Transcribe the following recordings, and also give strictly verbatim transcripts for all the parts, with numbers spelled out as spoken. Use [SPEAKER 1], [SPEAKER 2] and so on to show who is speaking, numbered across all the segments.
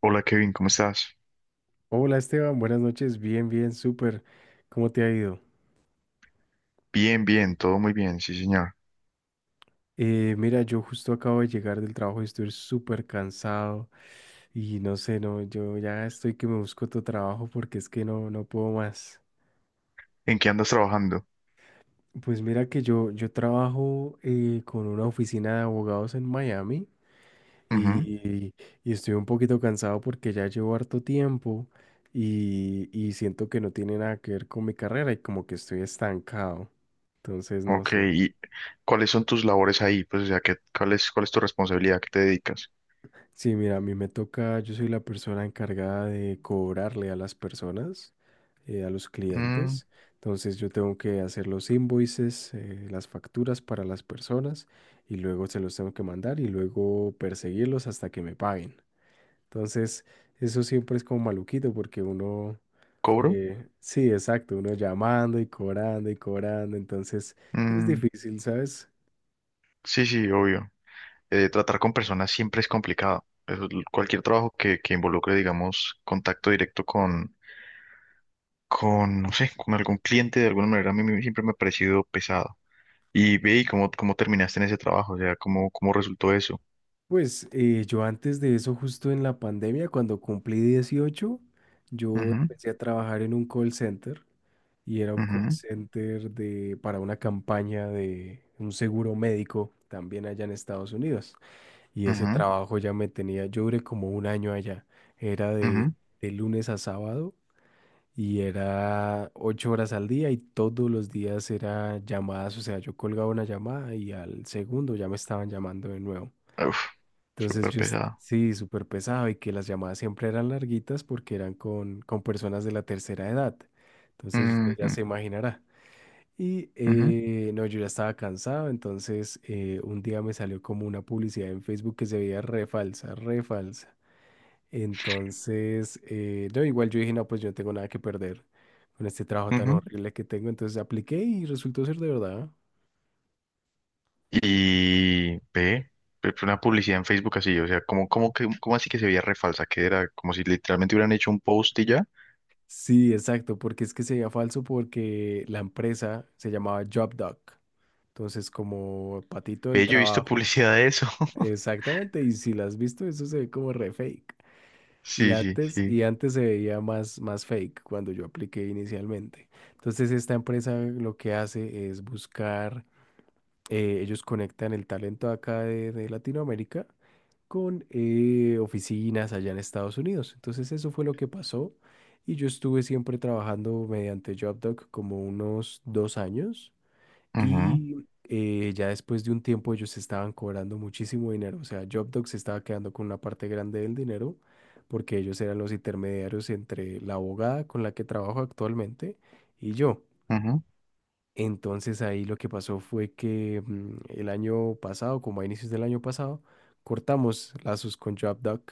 [SPEAKER 1] Hola Kevin, ¿cómo estás?
[SPEAKER 2] Hola Esteban, buenas noches, bien, bien, súper. ¿Cómo te ha ido?
[SPEAKER 1] Bien, bien, todo muy bien, sí señor.
[SPEAKER 2] Eh, mira, yo justo acabo de llegar del trabajo y estoy súper cansado y no sé, no, yo ya estoy que me busco otro trabajo porque es que no, no puedo más.
[SPEAKER 1] ¿En qué andas trabajando?
[SPEAKER 2] Pues mira que yo, yo trabajo eh, con una oficina de abogados en Miami
[SPEAKER 1] Ujú.
[SPEAKER 2] y, y estoy un poquito cansado porque ya llevo harto tiempo y, y siento que no tiene nada que ver con mi carrera y como que estoy estancado. Entonces, no
[SPEAKER 1] Ok,
[SPEAKER 2] sé.
[SPEAKER 1] ¿y cuáles son tus labores ahí? Pues, o sea, ¿qué, cuál es, cuál es tu responsabilidad? ¿A ¿Qué te dedicas?
[SPEAKER 2] Sí, mira, a mí me toca, yo soy la persona encargada de cobrarle a las personas, eh, a los
[SPEAKER 1] Mm,
[SPEAKER 2] clientes. Entonces yo tengo que hacer los invoices, eh, las facturas para las personas y luego se los tengo que mandar y luego perseguirlos hasta que me paguen. Entonces eso siempre es como maluquito porque uno,
[SPEAKER 1] ¿cobro?
[SPEAKER 2] eh, sí, exacto, uno llamando y cobrando y cobrando. Entonces es
[SPEAKER 1] Mm,
[SPEAKER 2] difícil, ¿sabes?
[SPEAKER 1] sí, sí, obvio. Eh, tratar con personas siempre es complicado. Eso es l- cualquier trabajo que, que involucre, digamos, contacto directo con, con, no sé, con algún cliente de alguna manera, a mí me- siempre me ha parecido pesado. Y ve, ¿y cómo, cómo terminaste en ese trabajo? O sea, ¿cómo, cómo resultó eso?
[SPEAKER 2] Pues eh, yo antes de eso, justo en la pandemia, cuando cumplí dieciocho yo
[SPEAKER 1] Ujú,
[SPEAKER 2] empecé a trabajar en un call center y era un call
[SPEAKER 1] ujú,
[SPEAKER 2] center de, para una campaña de un seguro médico también allá en Estados Unidos. Y ese
[SPEAKER 1] ujú.
[SPEAKER 2] trabajo ya me tenía, yo duré como un año allá. Era de,
[SPEAKER 1] Ujú.
[SPEAKER 2] de lunes a sábado y era ocho horas al día y todos los días era llamadas, o sea, yo colgaba una llamada y al segundo ya me estaban llamando de nuevo.
[SPEAKER 1] Uf,
[SPEAKER 2] Entonces
[SPEAKER 1] súper
[SPEAKER 2] yo, est-
[SPEAKER 1] pesado.
[SPEAKER 2] sí, súper pesado y que las llamadas siempre eran larguitas porque eran con, con personas de la tercera edad. Entonces usted ya
[SPEAKER 1] Ujú,
[SPEAKER 2] se imaginará. Y
[SPEAKER 1] ujú,
[SPEAKER 2] eh, no, yo ya estaba cansado, entonces eh, un día me salió como una publicidad en Facebook que se veía re falsa, re falsa. Entonces, eh, no, igual yo dije, no, pues yo no tengo nada que perder con este trabajo tan
[SPEAKER 1] ujú.
[SPEAKER 2] horrible que tengo, entonces apliqué y resultó ser de verdad.
[SPEAKER 1] Y ve, ve, fue una publicidad en Facebook así, o sea, como, como que, como así que se veía re falsa, que era como si literalmente hubieran hecho un post y ya.
[SPEAKER 2] Sí, exacto, porque es que se veía falso porque la empresa se llamaba JobDoc. Entonces, como patito del
[SPEAKER 1] Ve, yo he visto
[SPEAKER 2] trabajo.
[SPEAKER 1] publicidad de eso.
[SPEAKER 2] Exactamente, y si la has visto, eso se ve como re fake. Y
[SPEAKER 1] Sí, sí,
[SPEAKER 2] antes,
[SPEAKER 1] sí.
[SPEAKER 2] y antes se veía más, más fake cuando yo apliqué inicialmente. Entonces, esta empresa lo que hace es buscar, eh, ellos conectan el talento de acá de, de Latinoamérica con eh, oficinas allá en Estados Unidos. Entonces, eso fue lo que pasó. Y yo estuve siempre trabajando mediante JobDoc como unos dos años.
[SPEAKER 1] Ujú,
[SPEAKER 2] Y eh, ya después de un tiempo ellos estaban cobrando muchísimo dinero. O sea, Jobdog se estaba quedando con una parte grande del dinero porque ellos eran los intermediarios entre la abogada con la que trabajo actualmente y yo.
[SPEAKER 1] ujú.
[SPEAKER 2] Entonces ahí lo que pasó fue que mm, el año pasado, como a inicios del año pasado, cortamos lazos con Jobdog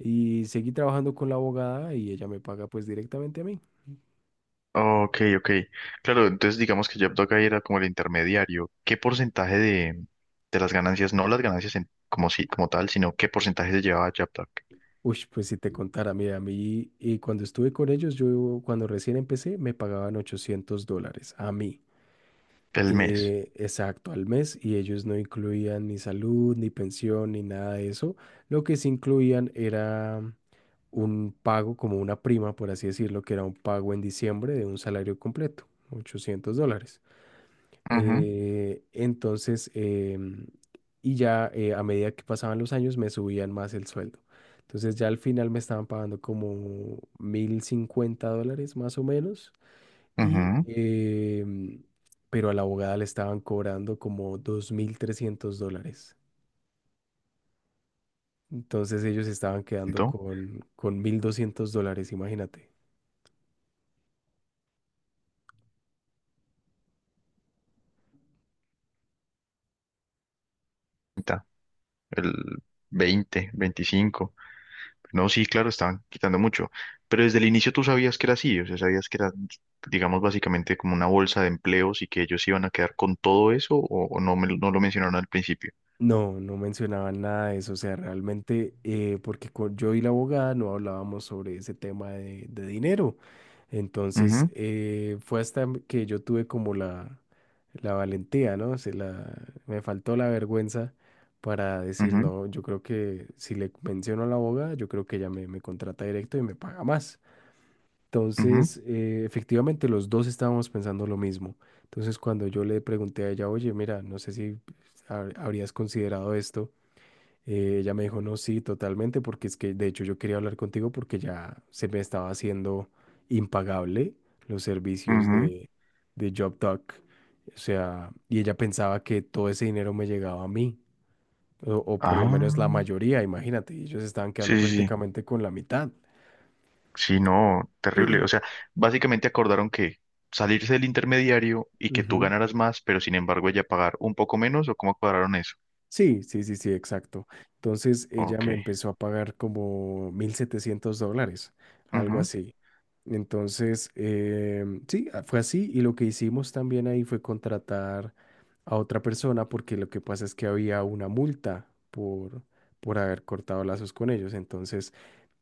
[SPEAKER 2] y seguí trabajando con la abogada y ella me paga pues directamente a mí.
[SPEAKER 1] Ok, ok. Claro, entonces digamos que Dog ahí era como el intermediario. ¿Qué porcentaje de, de las ganancias, no las ganancias en- como si, como tal, sino qué porcentaje se llevaba Dog
[SPEAKER 2] Uy, pues si te contara, mira, a mí, y cuando estuve con ellos, yo cuando recién empecé, me pagaban ochocientos dólares a mí,
[SPEAKER 1] el mes?
[SPEAKER 2] eh, exacto, al mes, y ellos no incluían ni salud, ni pensión, ni nada de eso. Lo que sí incluían era un pago, como una prima, por así decirlo, que era un pago en diciembre de un salario completo, ochocientos dólares.
[SPEAKER 1] Ujú,
[SPEAKER 2] Eh, entonces, em, y ya eh, a medida que pasaban los años me subían más el sueldo. Entonces ya al final me estaban pagando como mil cincuenta dólares más o menos. Y,
[SPEAKER 1] ujú.
[SPEAKER 2] em, pero a la abogada le estaban cobrando como dos mil trescientos dólares. Entonces ellos estaban quedando
[SPEAKER 1] Entonces,
[SPEAKER 2] con, con mil doscientos dólares, imagínate.
[SPEAKER 1] el veinte, veinticinco. No, sí, claro, estaban quitando mucho, pero desde el inicio tú sabías que era así, o sea, sabías que era, digamos, básicamente como una bolsa de empleos y que ellos iban a quedar con todo eso o, o no, me, lo- no lo mencionaron al principio.
[SPEAKER 2] No, no mencionaban nada de eso, o sea, realmente, eh, porque con- yo y la abogada no hablábamos sobre ese tema de, de dinero. Entonces,
[SPEAKER 1] Ujú,
[SPEAKER 2] eh, fue hasta que yo tuve como la, la valentía, ¿no? Se la, me faltó la vergüenza para decir,
[SPEAKER 1] ujú,
[SPEAKER 2] no, yo creo que si le menciono a la abogada, yo creo que ella me, me contrata directo y me paga más.
[SPEAKER 1] ujú,
[SPEAKER 2] Entonces, eh, efectivamente, los dos estábamos pensando lo mismo. Entonces, cuando yo le pregunté a ella, oye, mira, no sé si hab- habrías considerado esto, eh, ella me dijo, no, sí, totalmente, porque es que, de hecho, yo quería hablar contigo porque ya se me estaba haciendo impagable los servicios
[SPEAKER 1] ujú.
[SPEAKER 2] de, de JobTalk. O sea, y ella pensaba que todo ese dinero me llegaba a mí, o, o por lo menos
[SPEAKER 1] Ah,
[SPEAKER 2] la mayoría, imagínate, y ellos estaban quedando
[SPEAKER 1] sí, sí, sí,
[SPEAKER 2] prácticamente con la mitad.
[SPEAKER 1] sí, no, terrible, o sea, básicamente acordaron que salirse del intermediario y que tú ganaras más, pero sin embargo ella pagar un poco menos o cómo cuadraron eso.
[SPEAKER 2] Sí, sí, sí, sí, exacto. Entonces ella
[SPEAKER 1] Ok.
[SPEAKER 2] me empezó a pagar como mil setecientos dólares, algo
[SPEAKER 1] Ujú,
[SPEAKER 2] así. Entonces, em, sí, a- fue así. Y lo que hicimos también ahí fue contratar a otra persona porque lo que pasa es que había una multa por, por haber cortado lazos con ellos. Entonces,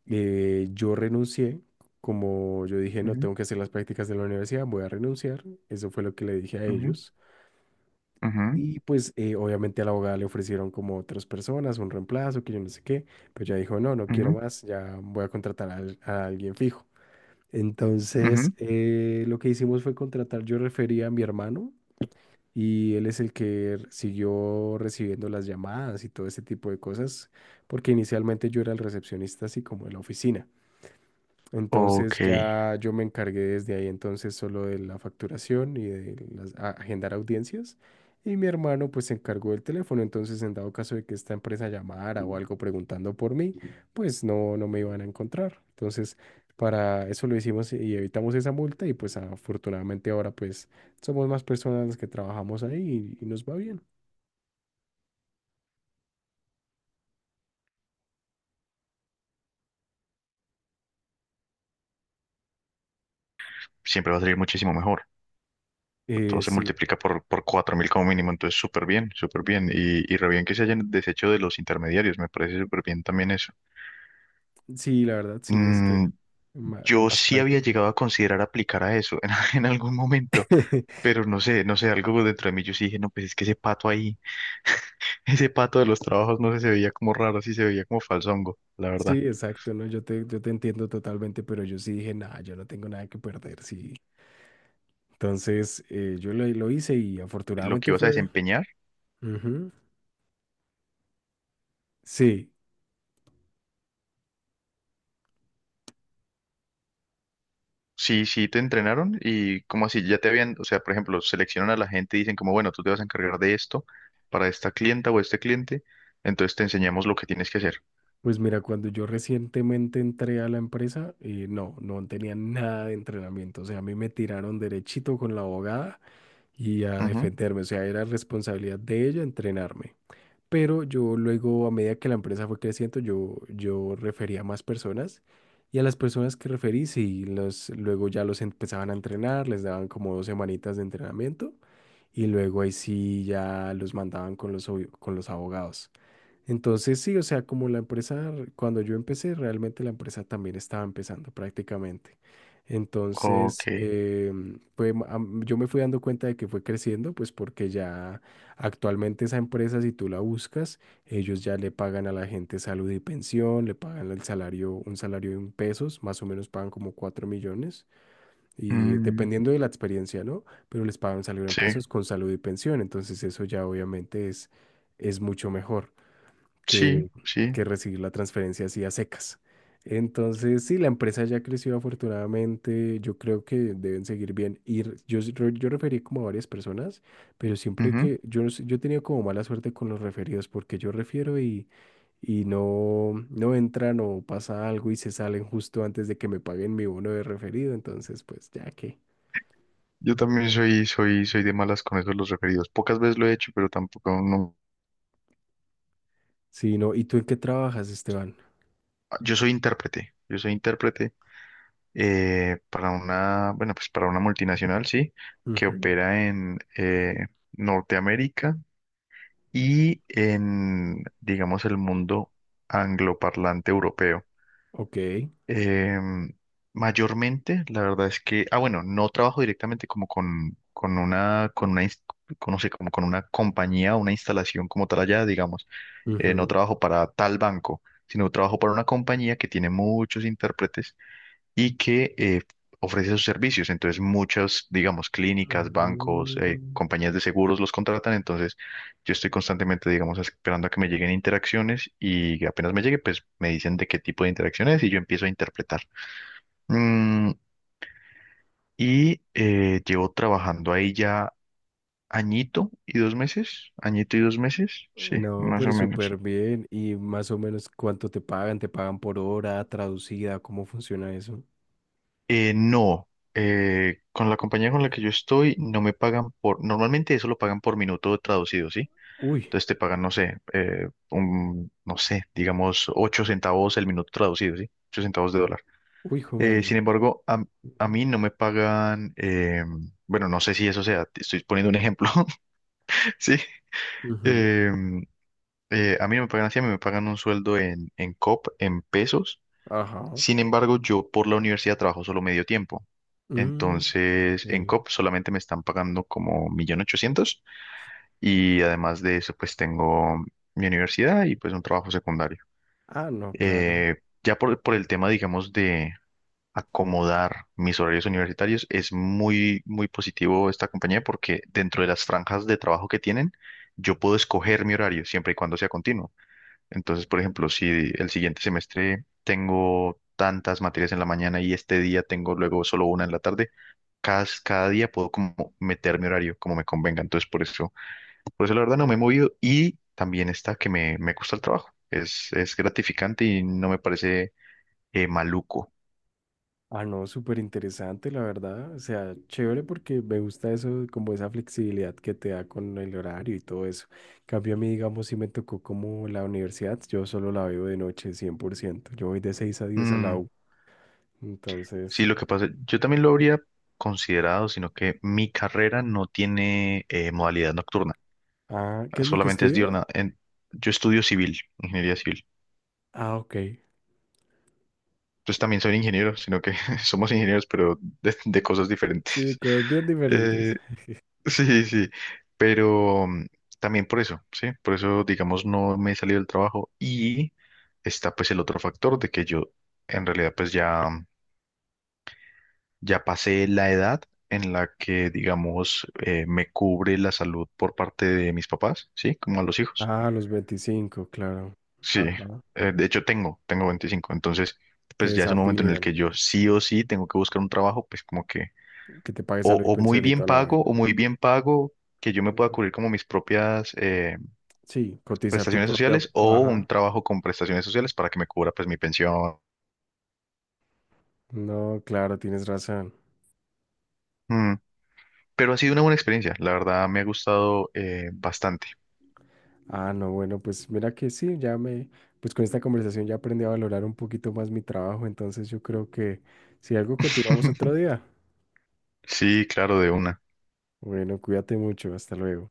[SPEAKER 2] eh, yo renuncié. Como yo dije, no
[SPEAKER 1] ujú,
[SPEAKER 2] tengo que hacer las prácticas de la universidad, voy a renunciar. Eso fue lo que le dije a
[SPEAKER 1] ujú,
[SPEAKER 2] ellos.
[SPEAKER 1] ujú,
[SPEAKER 2] Y pues eh, obviamente a la abogada le ofrecieron como otras personas, un reemplazo, que yo no sé qué, pero ya dijo, no, no quiero
[SPEAKER 1] ujú.
[SPEAKER 2] más, ya voy a contratar a, al- a alguien fijo. Entonces
[SPEAKER 1] Ujú.
[SPEAKER 2] eh, lo que hicimos fue contratar, yo refería a mi hermano y él es el que r- siguió recibiendo las llamadas y todo ese tipo de cosas, porque inicialmente yo era el recepcionista así como de la oficina.
[SPEAKER 1] Ok,
[SPEAKER 2] Entonces ya yo me encargué desde ahí entonces solo de la facturación y de las- a- agendar audiencias. Y mi hermano pues se encargó del teléfono. Entonces en dado caso de que esta empresa llamara o algo preguntando por mí, pues no, no me iban a encontrar. Entonces para eso lo hicimos y evitamos esa multa y pues afortunadamente ahora pues somos más personas las que trabajamos ahí y, y nos va bien.
[SPEAKER 1] siempre va a salir muchísimo mejor.
[SPEAKER 2] Eh,
[SPEAKER 1] Todo se
[SPEAKER 2] sí,
[SPEAKER 1] multiplica por, por cuatro mil como mínimo, entonces súper bien, súper bien. Y, y re bien que se hayan deshecho de los intermediarios, me parece súper bien también eso.
[SPEAKER 2] sí, la verdad sí es que
[SPEAKER 1] Mm,
[SPEAKER 2] ma- es
[SPEAKER 1] yo
[SPEAKER 2] más
[SPEAKER 1] sí había
[SPEAKER 2] práctico.
[SPEAKER 1] llegado a considerar aplicar a eso en, en algún momento, pero no sé, no sé, algo dentro de mí yo sí dije, no, pues es que ese pato ahí, ese pato de los trabajos, no sé, se veía como raro, sí se veía como falsongo, la
[SPEAKER 2] Sí,
[SPEAKER 1] verdad.
[SPEAKER 2] exacto, ¿no? Yo te, yo te entiendo totalmente, pero yo sí dije, nada, yo no tengo nada que perder, sí. Entonces, eh, yo lo, lo hice y
[SPEAKER 1] Lo que
[SPEAKER 2] afortunadamente
[SPEAKER 1] ibas a
[SPEAKER 2] fue.
[SPEAKER 1] desempeñar.
[SPEAKER 2] Ujú. Sí,
[SPEAKER 1] Sí, sí te entrenaron y como así, ya te habían, o sea, por ejemplo, seleccionan a la gente y dicen como, bueno, tú te vas a encargar de esto para esta clienta o este cliente, entonces te enseñamos lo que tienes que hacer.
[SPEAKER 2] pues mira, cuando yo recientemente entré a la empresa, eh, no, no tenía nada de entrenamiento, o sea, a mí me tiraron derechito con la abogada y a
[SPEAKER 1] Ujú.
[SPEAKER 2] defenderme, o sea, era responsabilidad de ella entrenarme. Pero yo luego, a medida que la empresa fue creciendo, yo, yo refería a más personas y a las personas que referí, sí, los, luego ya los empezaban a entrenar, les daban como dos semanitas de entrenamiento y luego ahí sí ya los mandaban con los, obvi- con los abogados. Entonces sí, o sea, como la empresa, re- cuando yo empecé, realmente la empresa también estaba empezando prácticamente.
[SPEAKER 1] Ok.
[SPEAKER 2] Entonces, em, fue ma- am- yo me fui dando cuenta de que fue creciendo, pues porque ya actualmente esa empresa, si tú la buscas, ellos ya le pagan a la gente salud y pensión, le pagan el salario, un salario en pesos, más o menos pagan como cuatro millones, y
[SPEAKER 1] Mm,
[SPEAKER 2] dependiendo de la experiencia, ¿no? Pero les pagan un salario en
[SPEAKER 1] sí,
[SPEAKER 2] pesos con salud y pensión, entonces eso ya obviamente es, es mucho mejor
[SPEAKER 1] sí,
[SPEAKER 2] que,
[SPEAKER 1] sí.
[SPEAKER 2] que recibir la transferencia así a secas. Entonces, sí, la empresa ya creció afortunadamente, yo creo que deben seguir bien. Y re- yo, s- re- yo referí como a varias personas, pero siempre
[SPEAKER 1] Ujú.
[SPEAKER 2] que yo, no sé, yo he tenido como mala suerte con los referidos, porque yo refiero y, y no, no entran o pasa algo y se salen justo antes de que me paguen mi bono de referido, entonces pues ya que.
[SPEAKER 1] Yo también soy, soy, soy de malas con eso de los referidos. Pocas veces lo he hecho, pero tampoco no.
[SPEAKER 2] Sí, no, ¿y tú en qué trabajas, Esteban?
[SPEAKER 1] Yo soy intérprete. Yo soy intérprete eh, para una, bueno, pues para una multinacional, sí, que
[SPEAKER 2] Ujú.
[SPEAKER 1] opera en eh, Norteamérica y en, digamos, el mundo angloparlante europeo.
[SPEAKER 2] Ok.
[SPEAKER 1] Em, mayormente, la verdad es que, ah, bueno, no trabajo directamente como con, con una, con una, ins- con, no sé, como con una compañía, una instalación como tal allá, digamos. Eh, no
[SPEAKER 2] Ujú.
[SPEAKER 1] trabajo para tal banco, sino trabajo para una compañía que tiene muchos intérpretes y que eh, ofrece sus servicios. Entonces, muchas, digamos, clínicas, bancos, eh,
[SPEAKER 2] Mm.
[SPEAKER 1] compañías de seguros los contratan. Entonces, yo estoy constantemente, digamos, esperando a que me lleguen interacciones y apenas me llegue, pues me dicen de qué tipo de interacción es y yo empiezo a interpretar. Mm, y eh, llevo trabajando ahí ya añito y dos meses, añito y dos meses, sí,
[SPEAKER 2] No,
[SPEAKER 1] más
[SPEAKER 2] pero
[SPEAKER 1] o menos.
[SPEAKER 2] súper bien. ¿Y más o menos cuánto te pagan? ¿Te pagan por hora, traducida? ¿Cómo funciona eso?
[SPEAKER 1] Eh, no. eh, con la compañía con la que yo estoy, no me pagan por, normalmente eso lo pagan por minuto traducido, ¿sí?
[SPEAKER 2] Uy,
[SPEAKER 1] Entonces te pagan, no sé, eh, un, no sé, digamos ocho centavos el minuto traducido, ¿sí? ocho centavos de dólar.
[SPEAKER 2] uy, hijo de
[SPEAKER 1] Eh,
[SPEAKER 2] madre.
[SPEAKER 1] sin embargo, a, a
[SPEAKER 2] Ujú.
[SPEAKER 1] mí no me pagan, eh, bueno, no sé si eso sea, te estoy poniendo un ejemplo, ¿sí?
[SPEAKER 2] Ujú.
[SPEAKER 1] Eh, eh, a mí no me pagan así, a mí me pagan un sueldo en, en C O P, en pesos.
[SPEAKER 2] Ajá.
[SPEAKER 1] Sin embargo, yo por la universidad trabajo solo medio tiempo.
[SPEAKER 2] Mm,
[SPEAKER 1] Entonces, en
[SPEAKER 2] ok.
[SPEAKER 1] C O P solamente me están pagando como un millón ochocientos mil y además de eso, pues tengo mi universidad y pues un trabajo secundario.
[SPEAKER 2] Ah, no, claro.
[SPEAKER 1] Eh, ya por, por el tema, digamos, de acomodar mis horarios universitarios, es muy, muy positivo esta compañía porque dentro de las franjas de trabajo que tienen, yo puedo escoger mi horario siempre y cuando sea continuo. Entonces, por ejemplo, si el siguiente semestre tengo tantas materias en la mañana y este día tengo luego solo una en la tarde, cada, cada día puedo como meter mi horario como me convenga. Entonces, por eso, por eso la verdad no me he movido y también está que me, me gusta el trabajo. Es, es gratificante y no me parece eh, maluco.
[SPEAKER 2] Ah, no, súper interesante, la verdad. O sea, chévere porque me gusta eso, como esa flexibilidad que te da con el horario y todo eso. En cambio a mí, digamos, si me tocó como la universidad, yo solo la veo de noche, cien por ciento. Yo voy de seis a diez a la
[SPEAKER 1] Mm,
[SPEAKER 2] U. Entonces,
[SPEAKER 1] sí, lo que pasa, yo también lo habría considerado, sino que mi carrera no tiene eh, modalidad nocturna,
[SPEAKER 2] ah, ¿qué es lo que
[SPEAKER 1] solamente es
[SPEAKER 2] estudias?
[SPEAKER 1] diurna. En- yo estudio civil, ingeniería civil.
[SPEAKER 2] Ah, ok.
[SPEAKER 1] Entonces también soy ingeniero, sino que somos ingenieros, pero de, de cosas
[SPEAKER 2] Sí,
[SPEAKER 1] diferentes.
[SPEAKER 2] cosas bien diferentes.
[SPEAKER 1] Eh, sí, sí, pero mm, también por eso, sí, por eso, digamos, no me he salido del trabajo y está pues el otro factor de que yo en realidad pues ya... Ya pasé la edad en la que, digamos, eh, me cubre la salud por parte de mis papás, ¿sí? Como a los hijos.
[SPEAKER 2] Ah, los veinticinco, claro.
[SPEAKER 1] Sí,
[SPEAKER 2] Ajá.
[SPEAKER 1] eh, de hecho tengo, tengo veinticinco, entonces
[SPEAKER 2] Te
[SPEAKER 1] pues ya es un momento en el
[SPEAKER 2] desafilian,
[SPEAKER 1] que yo sí o sí tengo que buscar un trabajo, pues como que
[SPEAKER 2] que te pagues
[SPEAKER 1] o,
[SPEAKER 2] salud y
[SPEAKER 1] o muy
[SPEAKER 2] pensión y
[SPEAKER 1] bien
[SPEAKER 2] toda la
[SPEAKER 1] pago
[SPEAKER 2] vaina.
[SPEAKER 1] o muy bien pago que yo me pueda
[SPEAKER 2] Ujú.
[SPEAKER 1] cubrir como mis propias eh,
[SPEAKER 2] Sí, cotizar tu
[SPEAKER 1] prestaciones
[SPEAKER 2] propia.
[SPEAKER 1] sociales o un
[SPEAKER 2] Ajá.
[SPEAKER 1] trabajo con prestaciones sociales para que me cubra pues mi pensión.
[SPEAKER 2] No, claro, tienes razón.
[SPEAKER 1] Mm. Pero ha sido una buena experiencia, la verdad me ha gustado eh, bastante.
[SPEAKER 2] Ah, no, bueno, pues mira que sí, ya me. Pues con esta conversación ya aprendí a valorar un poquito más mi trabajo, entonces yo creo que si algo continuamos otro día.
[SPEAKER 1] Sí, claro, de una.
[SPEAKER 2] Bueno, cuídate mucho, hasta luego.